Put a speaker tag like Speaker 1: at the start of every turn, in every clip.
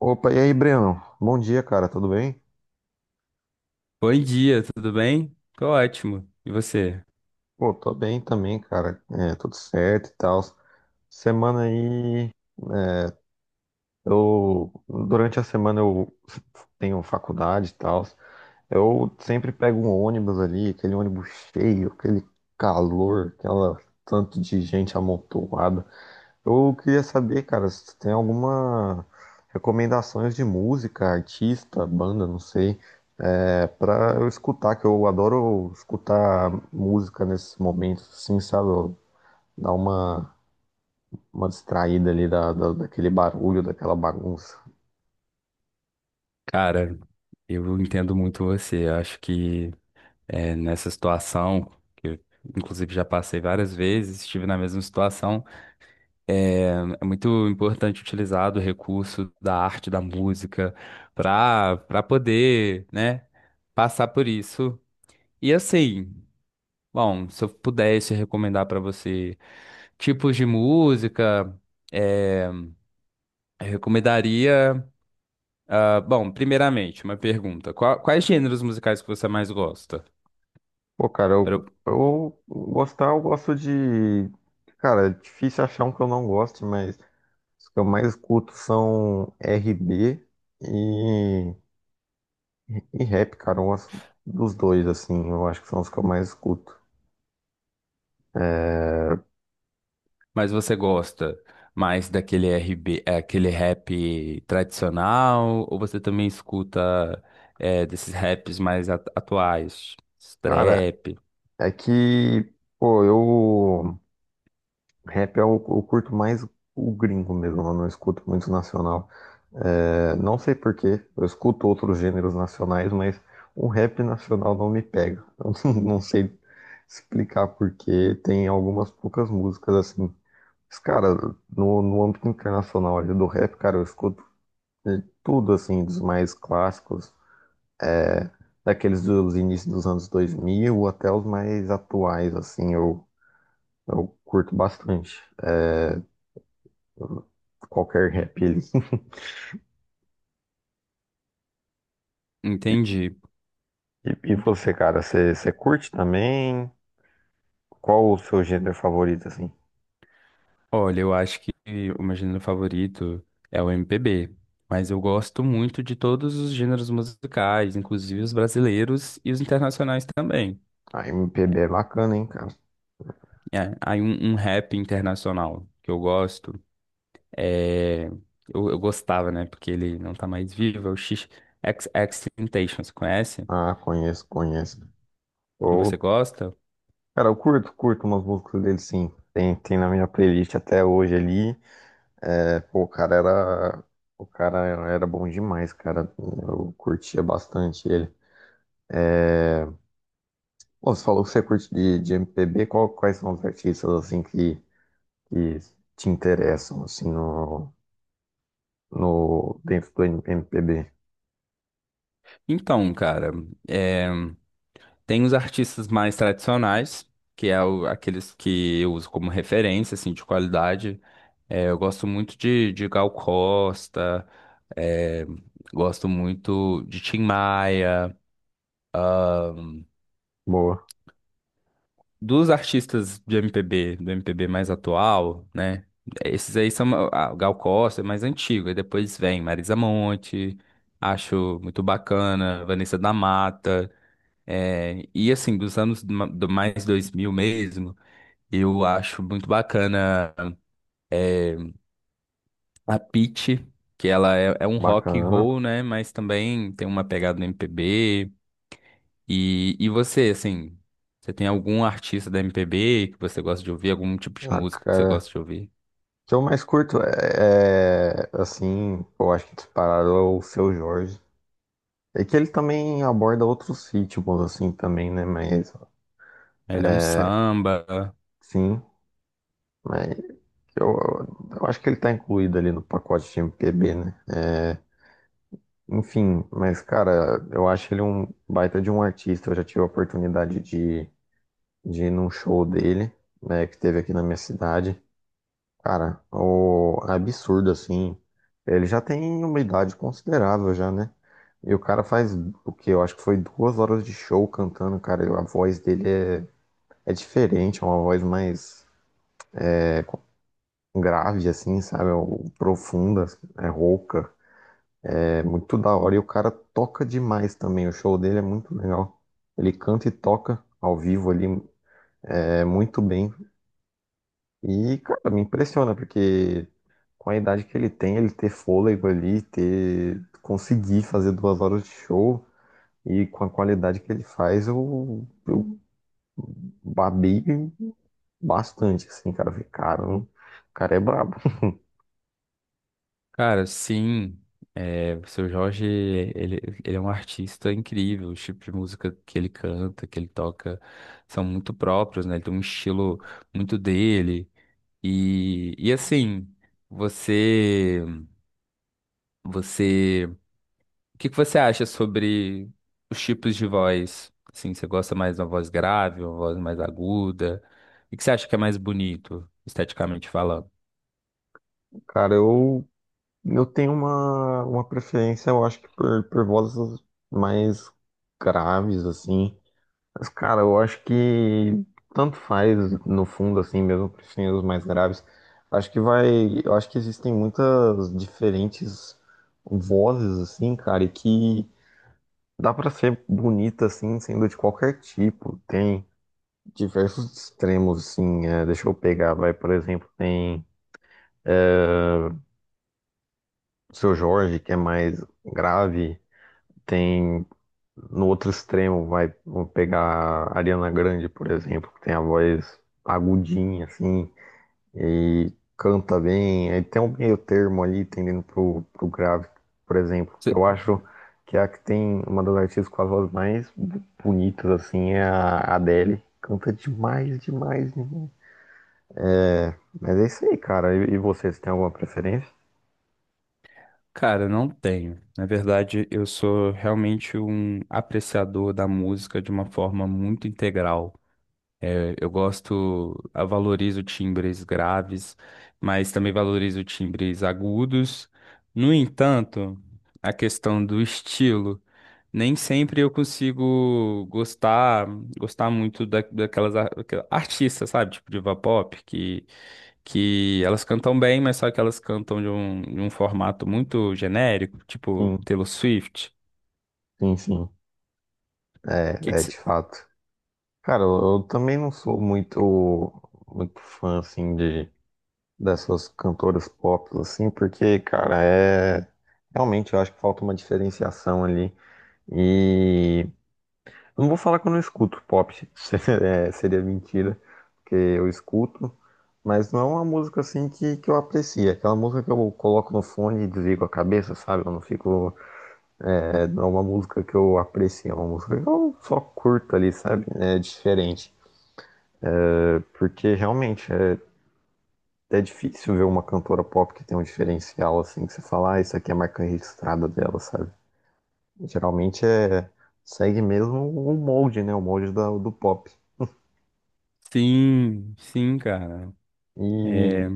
Speaker 1: Opa, e aí, Breno? Bom dia, cara, tudo bem?
Speaker 2: Bom dia, tudo bem? Tô ótimo. E você?
Speaker 1: Pô, tô bem também, cara, é, tudo certo e tal. Semana aí, eu, durante a semana eu tenho faculdade e tal. Eu sempre pego um ônibus ali, aquele ônibus cheio, aquele calor, aquela tanto de gente amontoada. Eu queria saber, cara, se tu tem alguma recomendações de música, artista, banda, não sei, é, pra eu escutar, que eu adoro escutar música nesses momentos, assim, sabe? Eu dar uma distraída ali daquele barulho, daquela bagunça.
Speaker 2: Cara, eu entendo muito você. Eu acho que nessa situação, que eu, inclusive já passei várias vezes, estive na mesma situação, é é muito importante utilizar do recurso da arte, da música, para poder, né, passar por isso. E assim, bom, se eu pudesse recomendar para você tipos de música, é, eu recomendaria. Ah, bom, primeiramente, uma pergunta. Quais gêneros musicais que você mais gosta?
Speaker 1: Pô, cara,
Speaker 2: Pro-
Speaker 1: eu gostar, eu gosto de. Cara, é difícil achar um que eu não goste, mas os que eu mais escuto são RB e. E rap, cara, dos dois, assim, eu acho que são os que eu mais escuto.
Speaker 2: Mas você gosta mais daquele RB, aquele rap tradicional, ou você também escuta desses raps mais atuais?
Speaker 1: Cara,
Speaker 2: Trap?
Speaker 1: é que, pô, eu. Rap é o, eu curto mais o gringo mesmo, eu não escuto muito nacional. É, não sei por quê, eu escuto outros gêneros nacionais, mas o rap nacional não me pega. Eu não sei explicar por quê, tem algumas poucas músicas assim. Mas, cara, no âmbito internacional ali do rap, cara, eu escuto de tudo, assim, dos mais clássicos, daqueles dos inícios dos anos 2000 até os mais atuais, assim, eu curto bastante qualquer rap ali.
Speaker 2: Entendi.
Speaker 1: E, e você, cara, você curte também? Qual o seu gênero favorito, assim?
Speaker 2: Olha, eu acho que o meu gênero favorito é o MPB, mas eu gosto muito de todos os gêneros musicais, inclusive os brasileiros e os internacionais também.
Speaker 1: A MPB é bacana, hein, cara?
Speaker 2: É, aí um rap internacional que eu gosto é. Eu gostava, né? Porque ele não tá mais vivo, é o X XXXTentacion, você conhece?
Speaker 1: Ah, conheço, conheço.
Speaker 2: E você
Speaker 1: Eu,
Speaker 2: gosta?
Speaker 1: cara, eu curto, curto umas músicas dele, sim. Tem, tem na minha playlist até hoje ali. É, pô, o cara era bom demais, cara. Eu curtia bastante ele. Bom, você falou que você curte de MPB, qual- quais são os artistas assim que te interessam assim no, no dentro do MPB?
Speaker 2: Então, cara, é, tem os artistas mais tradicionais, que é aqueles que eu uso como referência, assim, de qualidade. É, eu gosto muito de Gal Costa, é, gosto muito de Tim Maia.
Speaker 1: Boa,
Speaker 2: Dos artistas de MPB, do MPB mais atual, né? Esses aí são ah, o Gal Costa, é mais antigo. Aí depois vem Marisa Monte, acho muito bacana, Vanessa da Mata. É, e assim, dos anos do mais 2000 mesmo, eu acho muito bacana a Pitty, que ela é, é um rock and
Speaker 1: bacana.
Speaker 2: roll, né? Mas também tem uma pegada no MPB. E você, assim, você tem algum artista da MPB que você gosta de ouvir? Algum tipo de
Speaker 1: Ah,
Speaker 2: música que você
Speaker 1: cara,
Speaker 2: gosta de ouvir?
Speaker 1: o que eu mais curto é, é, assim, eu acho que disparado é o Seu Jorge. É que ele também aborda outros ritmos assim também, né? Mas
Speaker 2: Ele é um samba.
Speaker 1: sim, mas eu, eu acho que ele tá incluído ali no pacote de MPB, né? É, enfim, mas cara, eu acho ele um baita de um artista. Eu já tive a oportunidade de ir num show dele, né, que teve aqui na minha cidade. Cara, o absurdo assim. Ele já tem uma idade considerável já, né? E o cara faz o que eu acho que foi 2 horas de show cantando, cara. E a voz dele é, é diferente, é uma voz mais grave assim, sabe? É profunda, é rouca. É muito da hora e o cara toca demais também. O show dele é muito legal. Ele canta e toca ao vivo ali é, muito bem. E, cara, me impressiona, porque com a idade que ele tem, ele ter fôlego ali, ter conseguir fazer 2 horas de show e com a qualidade que ele faz, eu babei bastante, assim, cara. Eu falei, cara, o cara é brabo.
Speaker 2: Cara, sim. É, o seu Jorge, ele é um artista incrível. Os tipos de música que ele canta, que ele toca, são muito próprios, né? Ele tem um estilo muito dele. E assim, você. Você, o que que você acha sobre os tipos de voz? Assim, você gosta mais de uma voz grave, uma voz mais aguda? O que que você acha que é mais bonito, esteticamente falando?
Speaker 1: Cara, eu tenho uma preferência, eu acho que por vozes mais graves, assim. Mas, cara, eu acho que tanto faz, no fundo, assim, mesmo preferindo os mais graves. Acho que vai. Eu acho que existem muitas diferentes vozes, assim, cara, e que dá pra ser bonita, assim, sendo de qualquer tipo. Tem diversos extremos, assim. É, deixa eu pegar, vai, por exemplo, tem o Seu Jorge, que é mais grave. Tem. No outro extremo, vai, vamos pegar a Ariana Grande, por exemplo, que tem a voz agudinha, assim, e canta bem. Aí tem um meio termo ali, tendendo pro grave, por exemplo, que
Speaker 2: Cê-
Speaker 1: eu acho que é a que tem uma das artistas com as vozes mais bonitas, assim, é a Adele. Canta demais, demais, demais. Mas é isso aí, cara. E você, você tem alguma preferência?
Speaker 2: Cara, não tenho. Na verdade, eu sou realmente um apreciador da música de uma forma muito integral. É, eu gosto, eu valorizo timbres graves, mas também valorizo timbres agudos. No entanto, a questão do estilo. Nem sempre eu consigo gostar, gostar muito da, daquelas artistas, sabe? Tipo diva pop, que elas cantam bem, mas só que elas cantam de um formato muito genérico, tipo
Speaker 1: Sim,
Speaker 2: Taylor Swift.
Speaker 1: sim, sim.
Speaker 2: Que
Speaker 1: É,
Speaker 2: que
Speaker 1: é
Speaker 2: cê-
Speaker 1: de fato. Cara, eu, eu também não sou muito fã, assim, de dessas cantoras pop, assim, porque, cara, é. Realmente eu acho que falta uma diferenciação ali. E eu não vou falar que eu não escuto pop, é, seria mentira, porque eu escuto, mas não é uma música assim que eu aprecio. É aquela música que eu coloco no fone e desligo a cabeça, sabe? Eu não fico. É, não é uma música que eu aprecio, é uma música que eu só curto ali, sabe? É diferente. Porque realmente. É, é difícil ver uma cantora pop que tem um diferencial assim, que você fala, ah, isso aqui é a marca registrada dela, sabe? Geralmente é segue mesmo o molde, né? O molde do pop.
Speaker 2: Sim, sim, cara. É,
Speaker 1: E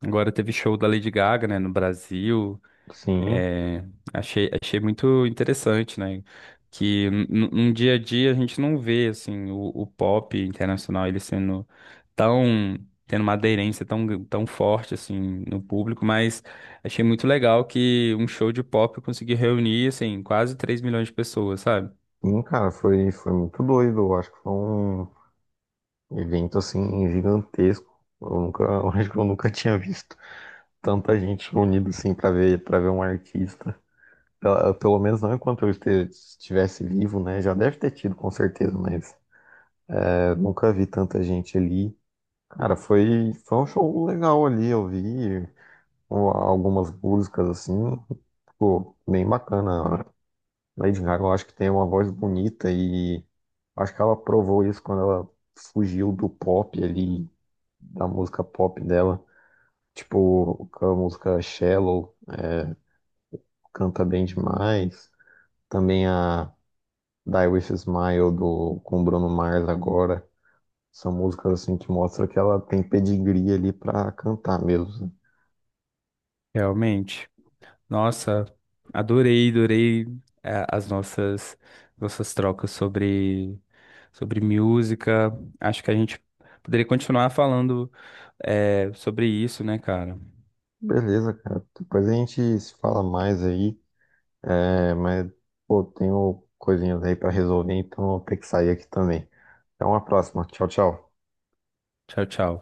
Speaker 2: agora teve show da Lady Gaga, né, no Brasil.
Speaker 1: sim,
Speaker 2: É, achei, achei muito interessante, né? Que num dia a dia a gente não vê assim o pop internacional ele sendo tão tendo uma aderência tão forte assim no público, mas achei muito legal que um show de pop conseguiu reunir assim quase 3 milhões de pessoas, sabe?
Speaker 1: sim, cara, foi, foi muito doido. Eu acho que foi um evento assim gigantesco. Eu nunca, eu acho que eu nunca tinha visto tanta gente reunida assim para ver um artista. Pelo menos não enquanto eu estivesse vivo, né? Já deve ter tido, com certeza, mas eu nunca vi tanta gente ali. Cara, foi, foi um show legal ali, eu vi algumas músicas assim, ficou bem bacana. A Lady Gaga, eu acho que tem uma voz bonita e acho que ela provou isso quando ela fugiu do pop ali, da música pop dela. Tipo, com a música Shallow canta bem demais. Também a Die With a Smile do, com o Bruno Mars agora. São músicas assim que mostram que ela tem pedigree ali pra cantar mesmo.
Speaker 2: Realmente. Nossa, adorei, adorei as nossas nossas trocas sobre música. Acho que a gente poderia continuar falando sobre isso, né, cara?
Speaker 1: Beleza, cara. Depois a gente se fala mais aí. É, mas, pô, tenho coisinhas aí pra resolver, então eu vou ter que sair aqui também. Até uma próxima. Tchau, tchau.
Speaker 2: Tchau, tchau.